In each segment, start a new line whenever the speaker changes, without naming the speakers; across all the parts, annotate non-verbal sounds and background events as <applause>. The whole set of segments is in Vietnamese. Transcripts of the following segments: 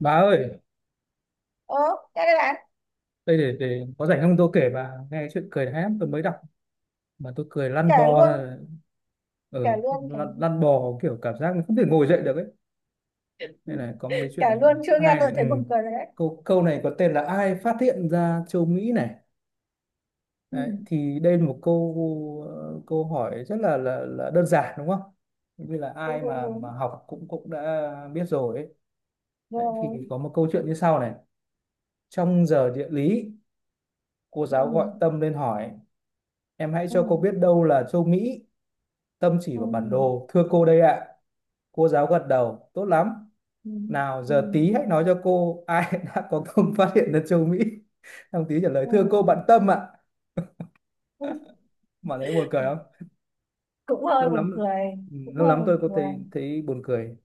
Bà ơi,
Ồ, nghe đây bạn,
đây để có rảnh không tôi kể bà nghe chuyện cười, đã lắm tôi mới đọc mà tôi cười lăn
kể
bò ra
luôn,
ở
kể luôn, kể,
lăn,
luôn
lăn bò kiểu cảm giác không thể ngồi dậy được ấy. Đây này, có một cái chuyện
kể
này
luôn,
rất
chưa nghe
hay này.
tôi thấy
Ừ.
buồn cười rồi đấy.
Câu câu này có tên là ai phát hiện ra châu Mỹ này.
Ừ,
Đấy, thì đây là một câu câu hỏi rất là đơn giản đúng không? Như là
đúng,
ai
đúng,
mà
đúng.
học cũng cũng đã biết rồi ấy. Đấy, thì
Rồi,
có một câu chuyện như sau này. Trong giờ địa lý, cô
ừ,
giáo gọi Tâm lên hỏi em hãy
ừ,
cho cô biết đâu là châu Mỹ, tâm chỉ
ừ,
vào bản đồ. Thưa cô đây ạ. Cô giáo gật đầu, tốt lắm.
ừ,
Nào
ừ,
giờ tí hãy nói cho cô ai <laughs> đã có công phát hiện ra châu Mỹ. Thằng tí trả lời,
ừ.
thưa cô bạn Tâm ạ.
Cũng,
Mà thấy buồn cười không?
cũng hơi
Lâu
buồn
lắm,
cười,
ừ,
cũng
lâu
hơi
lắm tôi
buồn
có thấy
cười.
thấy buồn cười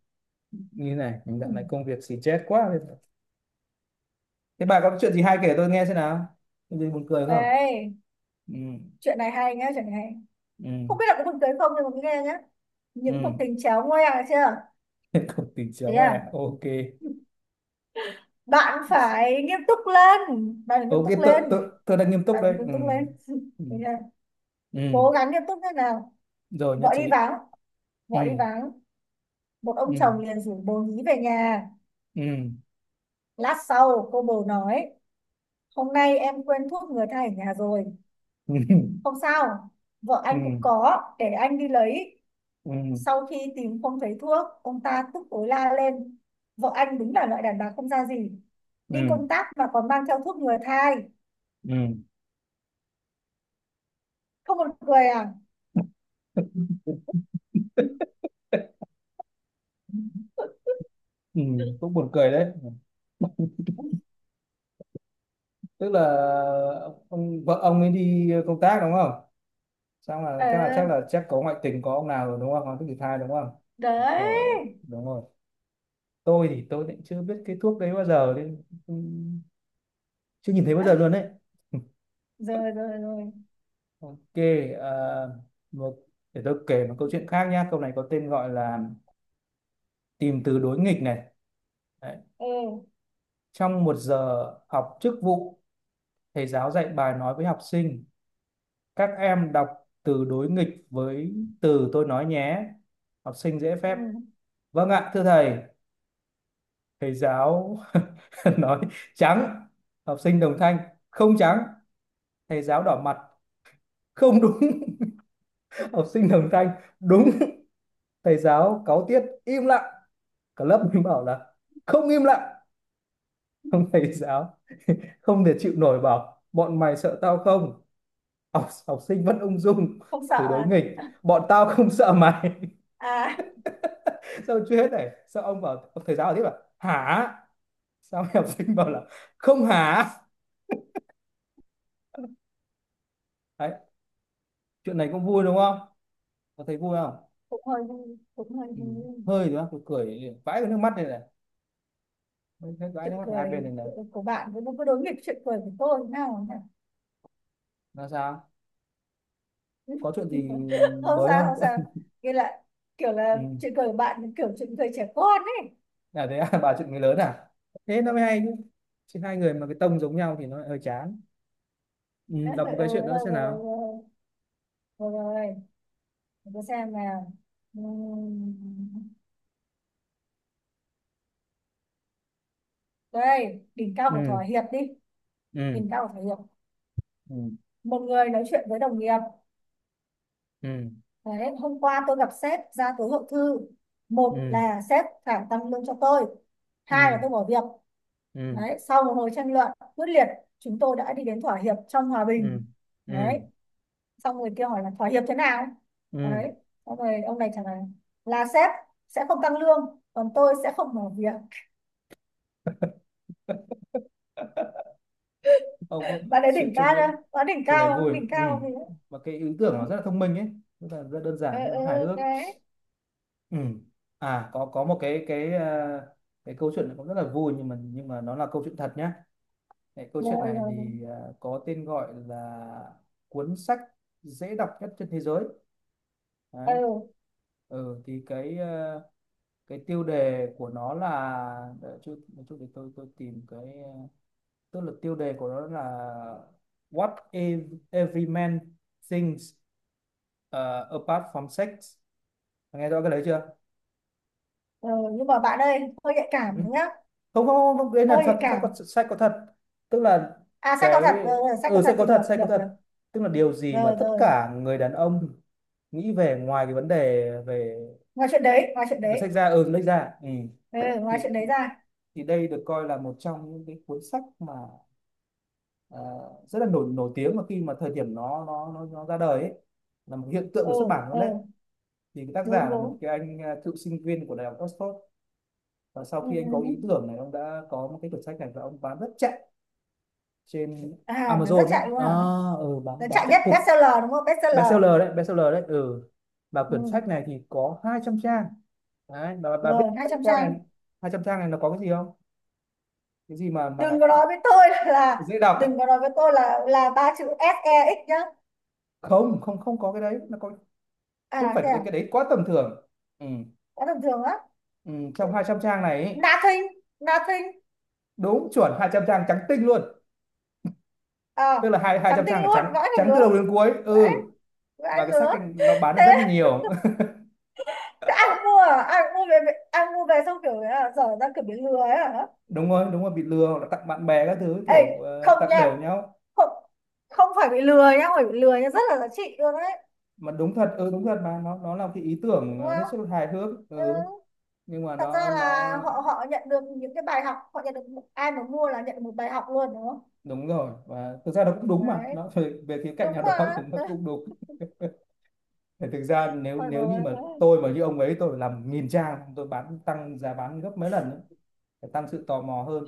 như thế này. Mình
Ừ.
dạo này công việc xì chết quá. Thế bà có chuyện gì hay kể tôi nghe xem nào. Có gì buồn cười không?
Đây,
Ừ,
chuyện này hay nhá, chuyện này hay.
ừ,
Không biết là có buồn cười không nhưng mà cứ nghe nhá. Những cuộc
ừ.
tình chéo ngoe được chưa?
<laughs> Không tìm
Thế
chéo à,
à,
ok.
bạn phải nghiêm túc lên, bạn phải nghiêm
Ok,
túc lên,
tôi đang nghiêm túc
bạn phải
đây.
nghiêm
Ừ.
túc lên. <laughs>
Ừ.
Thế à,
Ừ,
cố gắng nghiêm túc thế nào,
rồi nhất
vợ đi
trí.
vắng,
Ừ,
gọi đi vắng, một ông
ừ,
chồng liền rủ bồ nhí về nhà.
ừ,
Lát sau, cô bồ nói, hôm nay em quên thuốc ngừa thai ở nhà rồi.
ừ,
Không sao, vợ
ừ,
anh cũng có, để anh đi lấy.
ừ,
Sau khi tìm không thấy thuốc, ông ta tức tối la lên. Vợ anh đúng là loại đàn bà không ra gì.
ừ,
Đi
ừ,
công tác mà còn mang theo thuốc ngừa thai. Không một cười à?
ừ.
<laughs>
Ừ, cũng buồn cười đấy, tức là ông vợ ông ấy đi công tác đúng không, xong là
Ờ,
chắc có ngoại tình, có ông nào rồi đúng không, có cái thai đúng không,
đấy.
vợ đúng rồi. Tôi thì tôi cũng chưa biết cái thuốc đấy bao giờ, nên cũng chưa nhìn thấy bao
À,
giờ luôn đấy. <laughs>
rồi, rồi, rồi.
Ok, à, một, để tôi kể một câu chuyện khác nhá. Câu này có tên gọi là tìm từ đối nghịch này. Đấy.
Ừ,
Trong một giờ học chức vụ, thầy giáo dạy bài nói với học sinh các em đọc từ đối nghịch với từ tôi nói nhé. Học sinh dễ phép
ừ.
vâng ạ thưa thầy. Thầy giáo <laughs> nói trắng, học sinh đồng thanh không trắng. Thầy giáo đỏ mặt không đúng, <laughs> học sinh đồng thanh đúng. Thầy giáo cáu tiết im lặng, cả lớp mình bảo là không im lặng. Ông thầy giáo không thể chịu nổi bảo bọn mày sợ tao không, học, học sinh vẫn ung dung
Không sợ
từ đối
à?
nghịch bọn tao không sợ mày.
À,
<laughs> Sao chưa hết này, sao ông bảo ông thầy giáo bảo tiếp là hả, sao mấy học sinh bảo là không hả. Đấy, chuyện này cũng vui đúng không, có thấy vui không.
cũng hơi vui, cũng hơi
Ừ.
vui.
Hơi nữa tôi cười vãi cái nước mắt này này, thấy vãi nước
Chuyện
mắt hai bên
cười
này này.
của bạn với đối nghịch chuyện cười của tôi thế nào nhỉ?
Là sao, có chuyện gì
<laughs> Không
mới
sao, không
không?
sao, nghĩa là kiểu là
<laughs> Ừ.
chuyện cười của bạn kiểu chuyện cười trẻ con ấy.
Là thế à, <laughs> bà chuyện người lớn à, thế nó mới hay chứ, chứ hai người mà cái tông giống nhau thì nó lại hơi chán. Ừ,
<laughs> Ừ,
đọc một cái chuyện nữa
rồi
xem nào.
rồi, rồi rồi, tôi xem nào. Đây, đỉnh cao của
Ừ.
thỏa hiệp đi,
Ừ.
đỉnh cao của thỏa hiệp.
Ừ.
Một người nói chuyện với đồng nghiệp.
Ừ.
Đấy, hôm qua tôi gặp sếp ra tối hậu thư, một
Ừ.
là sếp phải tăng lương cho tôi, hai là
Ừ,
tôi bỏ việc.
ừ,
Đấy, sau một hồi tranh luận quyết liệt, chúng tôi đã đi đến thỏa hiệp trong hòa
ừ,
bình.
ừ,
Đấy, xong người kia hỏi là thỏa hiệp thế nào?
ừ.
Đấy, xong rồi ông này trả lời là sếp sẽ không tăng lương, còn tôi sẽ không mở việc.
Ông có
Bạn ấy
chuyện,
đỉnh
chuyện
cao
đấy,
chưa? Bạn
chuyện này vui.
đỉnh
Ừ,
cao gì đấy.
mà cái ý tưởng nó rất là thông minh ấy, rất là rất đơn
Ừ,
giản nhưng nó
ừ,
hài hước.
đấy.
Ừ, à, có một cái à, cái câu chuyện này cũng rất là vui, nhưng mà nó là câu chuyện thật nhé. Cái câu chuyện
Rồi,
này
rồi, rồi.
thì à, có tên gọi là cuốn sách dễ đọc nhất trên thế giới,
Ừ,
đấy. Ừ, thì cái ờ, cái tiêu đề của nó là, để chút một chút để tôi tìm cái ờ, tức là tiêu đề của nó là What if every man thinks, ờ, apart from sex. Nghe rõ cái đấy chưa?
ừ, nhưng mà bạn ơi, hơi nhạy
Ừ.
cảm nhá,
Không không không, đấy là
hơi nhạy
thật,
cảm.
sách có thật. Tức là
À, sách có
cái,
thật, rồi, rồi, sách có
ừ, sách
thật thì
có
được,
thật,
được, được.
tức là điều gì mà
Rồi,
tất
rồi,
cả người đàn ông nghĩ về, ngoài cái vấn đề về,
ngoài chuyện đấy, ngoài chuyện
về sách
đấy.
ra, ừ, lách ra, ừ.
Ừ,
Thì
ngoài chuyện đấy ra.
đây được coi là một trong những cái cuốn sách mà ờ, rất là nổi nổi tiếng mà khi mà thời điểm nó nó ra đời ấy, là một hiện tượng
Ừ,
của xuất bản luôn
ừ,
đấy. Thì cái tác
đúng,
giả là một
đúng.
cái anh à, cựu sinh viên của đại học Oxford, và sau
Ừ,
khi
ừ,
anh có
ừ.
ý tưởng này ông đã có một cái quyển sách này và ông bán rất chạy trên
À, nó rất
Amazon đấy
chạy luôn
à,
hả?
ừ,
Nó
bán
chạy
chạy
nhất
cực,
bestseller đúng không? Bestseller.
bestseller đấy, ừ. Và
Ừ.
quyển sách này thì có 200 trang, đấy bà, biết
Rồi, hai
200
trăm
trang
trang.
này, 200 trang này nó có cái gì không, cái gì mà
Đừng
lại
có nói với tôi <laughs> là
dễ
đừng
đọc.
có nói với tôi là ba chữ ét E SEX nhá.
Không không không, có cái đấy nó có, không
À
phải
thế
cái
à?
đấy, cái đấy quá tầm thường. Ừ.
Quá tầm thường á.
Ừ, trong 200 trang này ấy,
Nothing, nothing.
đúng chuẩn 200 trang trắng tinh luôn,
À,
tức là hai hai
trắng
trăm
tinh
trang là trắng,
luôn, vãi được
trắng từ
lứa.
đầu đến cuối.
Vãi,
Ừ,
vãi
và cái sách
lứa.
nó bán được
Thế,
rất nhiều.
thế ai cũng mua à? Ai cũng mua về, ai cũng mua về xong kiểu là dở ra kiểu bị lừa ấy hả?
<laughs> Đúng rồi, đúng rồi, bị lừa hoặc là tặng bạn bè các thứ
Ê,
kiểu ờ,
không
tặng
nha.
đều nhau.
Không, không phải bị lừa nhá, không phải bị lừa nhá, rất là giá trị luôn đấy.
Mà đúng thật, ừ, đúng thật, mà nó là cái ý tưởng
Đúng
ờ, hết
không?
sức là hài hước.
Ừ.
Ừ, nhưng mà
Thật ra
nó
là họ họ nhận được những cái bài học, họ nhận được ai mà mua là nhận được một bài học luôn đúng không?
đúng rồi, và thực ra nó cũng đúng mà
Đấy,
nó về, về khía cạnh
đúng
nào đó
mà.
<laughs> thì nó
<laughs>
cũng đúng. <laughs> Thì thực ra nếu
Ôi
nếu như
rồi,
mà tôi mà như ông ấy, tôi phải làm nghìn trang, tôi bán tăng giá bán gấp mấy lần ấy, để tăng sự tò mò hơn.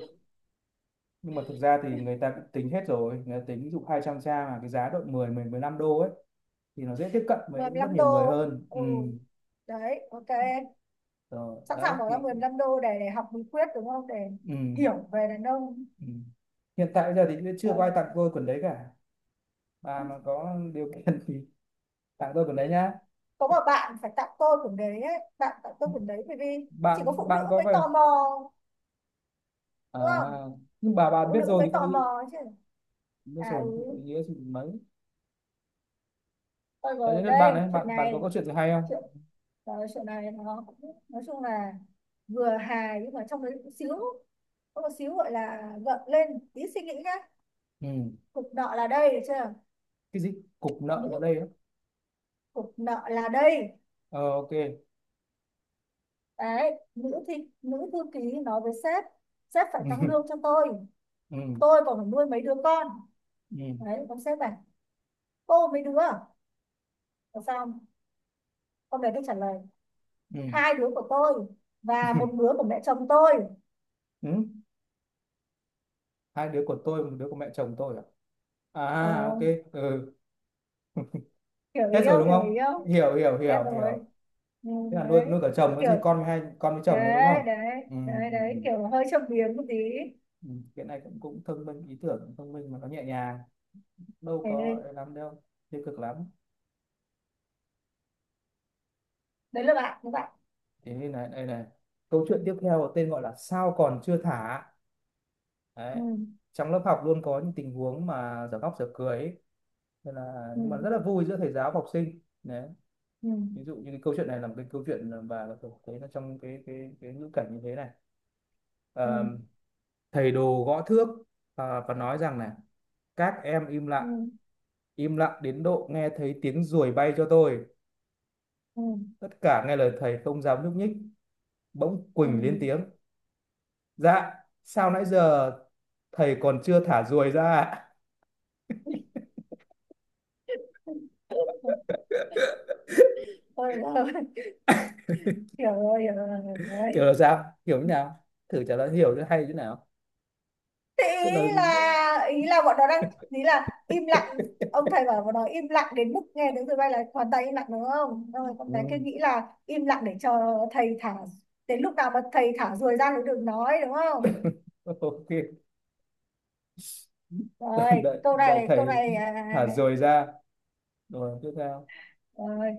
Nhưng mà thực ra thì người ta cũng tính hết rồi, người ta tính ví dụ 200 trang mà cái giá độ 10 10 15 đô ấy, thì nó dễ tiếp cận
mười
với rất
lăm đô
nhiều người hơn. Ừ,
ừ, đấy, ok,
rồi
sẵn
đấy
sàng bỏ
thì.
ra 15 đô để học bí quyết đúng không, để
Ừ.
hiểu về đàn ông.
Ừ. Hiện tại giờ thì chưa
Ờ,
có ai tặng tôi quần đấy cả, bà mà có điều kiện thì tặng tôi quần đấy nhá.
có một bạn phải tặng tôi quyển đấy ấy. Bạn tặng tôi quyển đấy bởi vì chỉ có
Bạn
phụ nữ
Bạn có
mới
về
tò mò,
à,
đúng không,
nhưng bà
phụ
biết
nữ
rồi
mới
thì có
tò
ý,
mò chứ.
biết
À,
rồi thì không có
ừ,
ý nghĩa gì mấy.
ôi
Đấy,
rồi
đến lượt bạn
đây
đấy, bạn
chuyện
bạn có
này,
câu chuyện gì hay không?
chuyện rồi chuyện này nó cũng- nói chung là vừa hài nhưng mà trong đấy cũng xíu, có một xíu gọi là gợn lên tí suy nghĩ nhá.
Ừ.
Cục nợ là đây được chưa?
Cái gì, cục nợ ở
Nữ,
đây á?
cục nợ là đây.
Ờ, ok.
Đấy, nữ thi, nữ thư ký nói với sếp, sếp phải tăng lương cho tôi
<laughs> Ừ.
tôi còn phải nuôi mấy đứa con.
Ừ.
Đấy, ông sếp bảo, cô mấy đứa làm sao? Con bé tôi trả lời, hai đứa của tôi và một
Ừ.
đứa của mẹ chồng tôi.
Ừ? Hai đứa của tôi, một đứa của mẹ chồng tôi à?
Ờ,
À ok, ừ.
hiểu ý
Hết rồi
không,
đúng
hiểu
không?
ý không
Hiểu, hiểu,
em,
hiểu,
rồi.
hiểu.
Ừ,
Thế là nuôi
đấy
nuôi cả chồng nữa,
kiểu,
gì con với hai con với chồng nữa đúng không?
đấy đấy
Ừ,
đấy
ừ, ừ.
đấy, kiểu hơi châm biếm một tí.
Ừ, cái này cũng cũng thông minh, ý tưởng cũng thông minh, mà nó nhẹ nhàng, đâu
Đấy,
có
đấy.
ấy lắm đâu, tiêu cực lắm.
Đấy là bạn các bạn.
Thế nên này, đây này, câu chuyện tiếp theo có tên gọi là sao còn chưa thả,
Ừ
đấy. Trong lớp học luôn có những tình huống mà dở khóc dở cười ấy. Nên là nhưng mà rất là
ừ
vui giữa thầy giáo và học sinh đấy.
ừ,
Ví dụ như cái câu chuyện này là một cái câu chuyện mà tôi thấy là trong cái ngữ cảnh như thế này. Ờ,
ừ
thầy đồ gõ thước, ờ, và nói rằng này các em im lặng,
ừ
im lặng đến độ nghe thấy tiếng ruồi bay cho tôi.
ừ,
Tất cả nghe lời thầy không dám nhúc nhích, bỗng
ừ.
Quỳnh lên tiếng dạ sao nãy giờ thầy còn chưa thả ruồi ra ạ?"
Ôi, ôi, hiểu rồi, hiểu rồi, hiểu
<laughs> Hiểu
rồi.
là sao, hiểu như nào, thử trả lời hiểu cho hay như nào.
Thế,
Tức là
ý là bọn nó đang, ý là im
<laughs>
lặng, ông thầy bảo bọn nó im lặng đến mức nghe tiếng tụi bay là hoàn toàn im lặng đúng không, xong rồi con bé kia
ừ,
nghĩ là im lặng để cho thầy thả, đến lúc nào mà thầy thả ruồi ra thì đừng nói, đúng không?
ok,
Rồi
đợi,
câu
đợi
này, câu
thầy
này à, à,
thả ruồi ra rồi tiếp theo.
à, rồi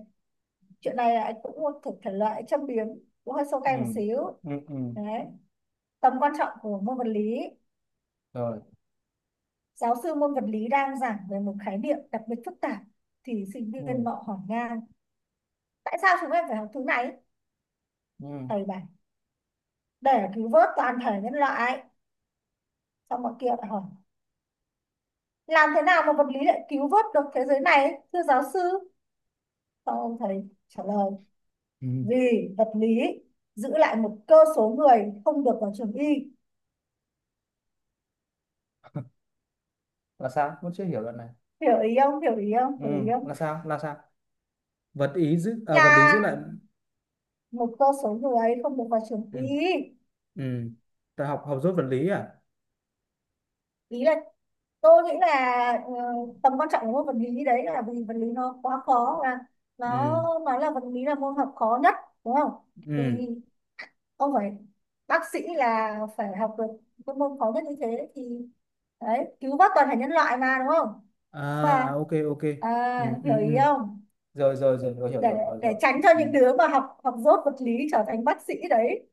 chuyện này là anh cũng một thuộc thể loại châm biếm, cũng hơi sâu
Ừ,
cay một xíu.
ừ, ừ,
Đấy, tầm quan trọng của môn vật lý.
rồi.
Giáo sư môn vật lý đang giảng về một khái niệm đặc biệt phức tạp thì sinh viên
Ừ,
nọ hỏi ngang, tại sao chúng em phải học thứ này?
ừ,
Thầy bảo, để cứu vớt toàn thể nhân loại. Xong mọi kia lại hỏi, làm thế nào mà vật lý lại cứu vớt được thế giới này thưa giáo sư? Xong ông thầy trả lời,
ừ.
vì vật lý giữ lại một cơ số người không được vào trường y.
<laughs> Là sao, vẫn chưa hiểu đoạn này.
Hiểu ý không, hiểu ý không,
Ừ,
hiểu ý
là
không?
sao, là sao, vật ý giữ, à, vật lý giữ
Là
lại.
một cơ số người không được vào trường
Ừ,
y.
ừ, ta học, học dốt vật lý à.
Ý là tôi nghĩ là tầm quan trọng của môn vật lý đấy là vì vật lý nó quá khó và nó
Ừ,
nó là vật lý là môn học khó nhất đúng không?
ừ,
Thì ông phải, bác sĩ là phải học được cái môn khó nhất như thế thì đấy cứu vớt toàn thể nhân loại mà, đúng không
à,
mà?
à ok ok,
À,
ừ,
hiểu
ừ,
ý
ừ,
không,
rồi rồi rồi rồi, hiểu
để
rồi, rồi
để
rồi.
tránh cho
Ừ,
những đứa mà học học dốt vật lý trở thành bác sĩ đấy.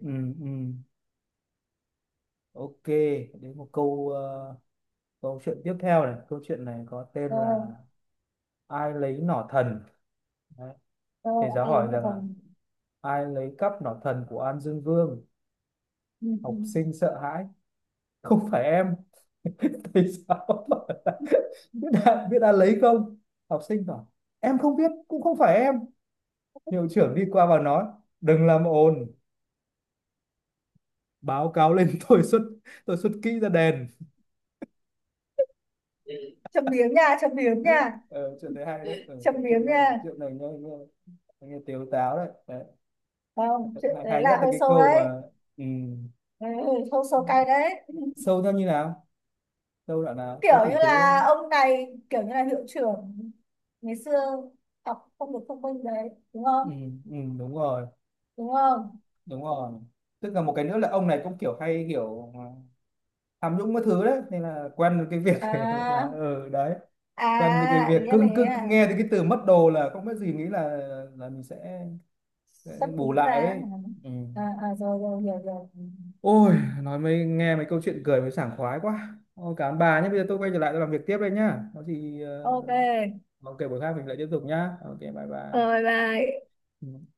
ừ, ừ, ok. Đến một câu ờ, câu chuyện tiếp theo này, câu chuyện này có
Ờ
tên là ai lấy nỏ thần. Đấy.
ờ,
Thầy giáo
ấy
hỏi
nó
rằng là
còn,
ai lấy cắp nỏ thần của An Dương Vương.
ừ, ừ.
Học sinh sợ hãi không phải em. <laughs> Thì sao, <laughs> biết đã, biết đã lấy không, học sinh bảo em không biết cũng không phải em. Hiệu trưởng đi qua và nói đừng làm ồn, báo cáo lên <laughs> tôi xuất, kỹ ra đèn.
Châm biếm nha, châm biếm nha,
<laughs> Ờ, chuyện đấy hay đấy, ờ,
châm
chuyện,
biếm nha.
chuyện này nghe nghe, nghe tiếu táo đấy, đấy.
Không, chuyện
Hay,
đấy
hay nhất
là
là
hơi
cái
sâu
câu
đấy.
mà ừ,
Đấy, hơi sâu cay đấy.
sâu theo như nào, sâu đoạn nào
Kiểu
tôi thì
như
thế.
là ông này kiểu như là hiệu trưởng ngày xưa học không được thông minh đấy, đúng
Ừ,
không,
ừ, đúng rồi,
đúng không?
đúng rồi, tức là một cái nữa là ông này cũng kiểu hay kiểu à, tham nhũng các thứ đấy, nên là quen với cái việc <laughs> gọi là
À,
ừ đấy, quen với cái
à,
việc
ý là
cứ
thế
cứ cứ
à,
nghe thấy cái từ mất đồ là không biết gì, nghĩ là mình sẽ
sắp
bù
nghĩ ra
lại
à,
ấy. Ừ.
à, à, rồi rồi hiểu rồi,
Ôi, nói mới nghe mấy câu chuyện cười mới sảng khoái quá, ôi cảm ơn bà nhé, bây giờ tôi quay trở lại tôi làm việc tiếp đây nhá, có gì ờ,
ok,
ok buổi khác mình lại tiếp tục nhá, ok bye bye.
rồi bye.
Ừ.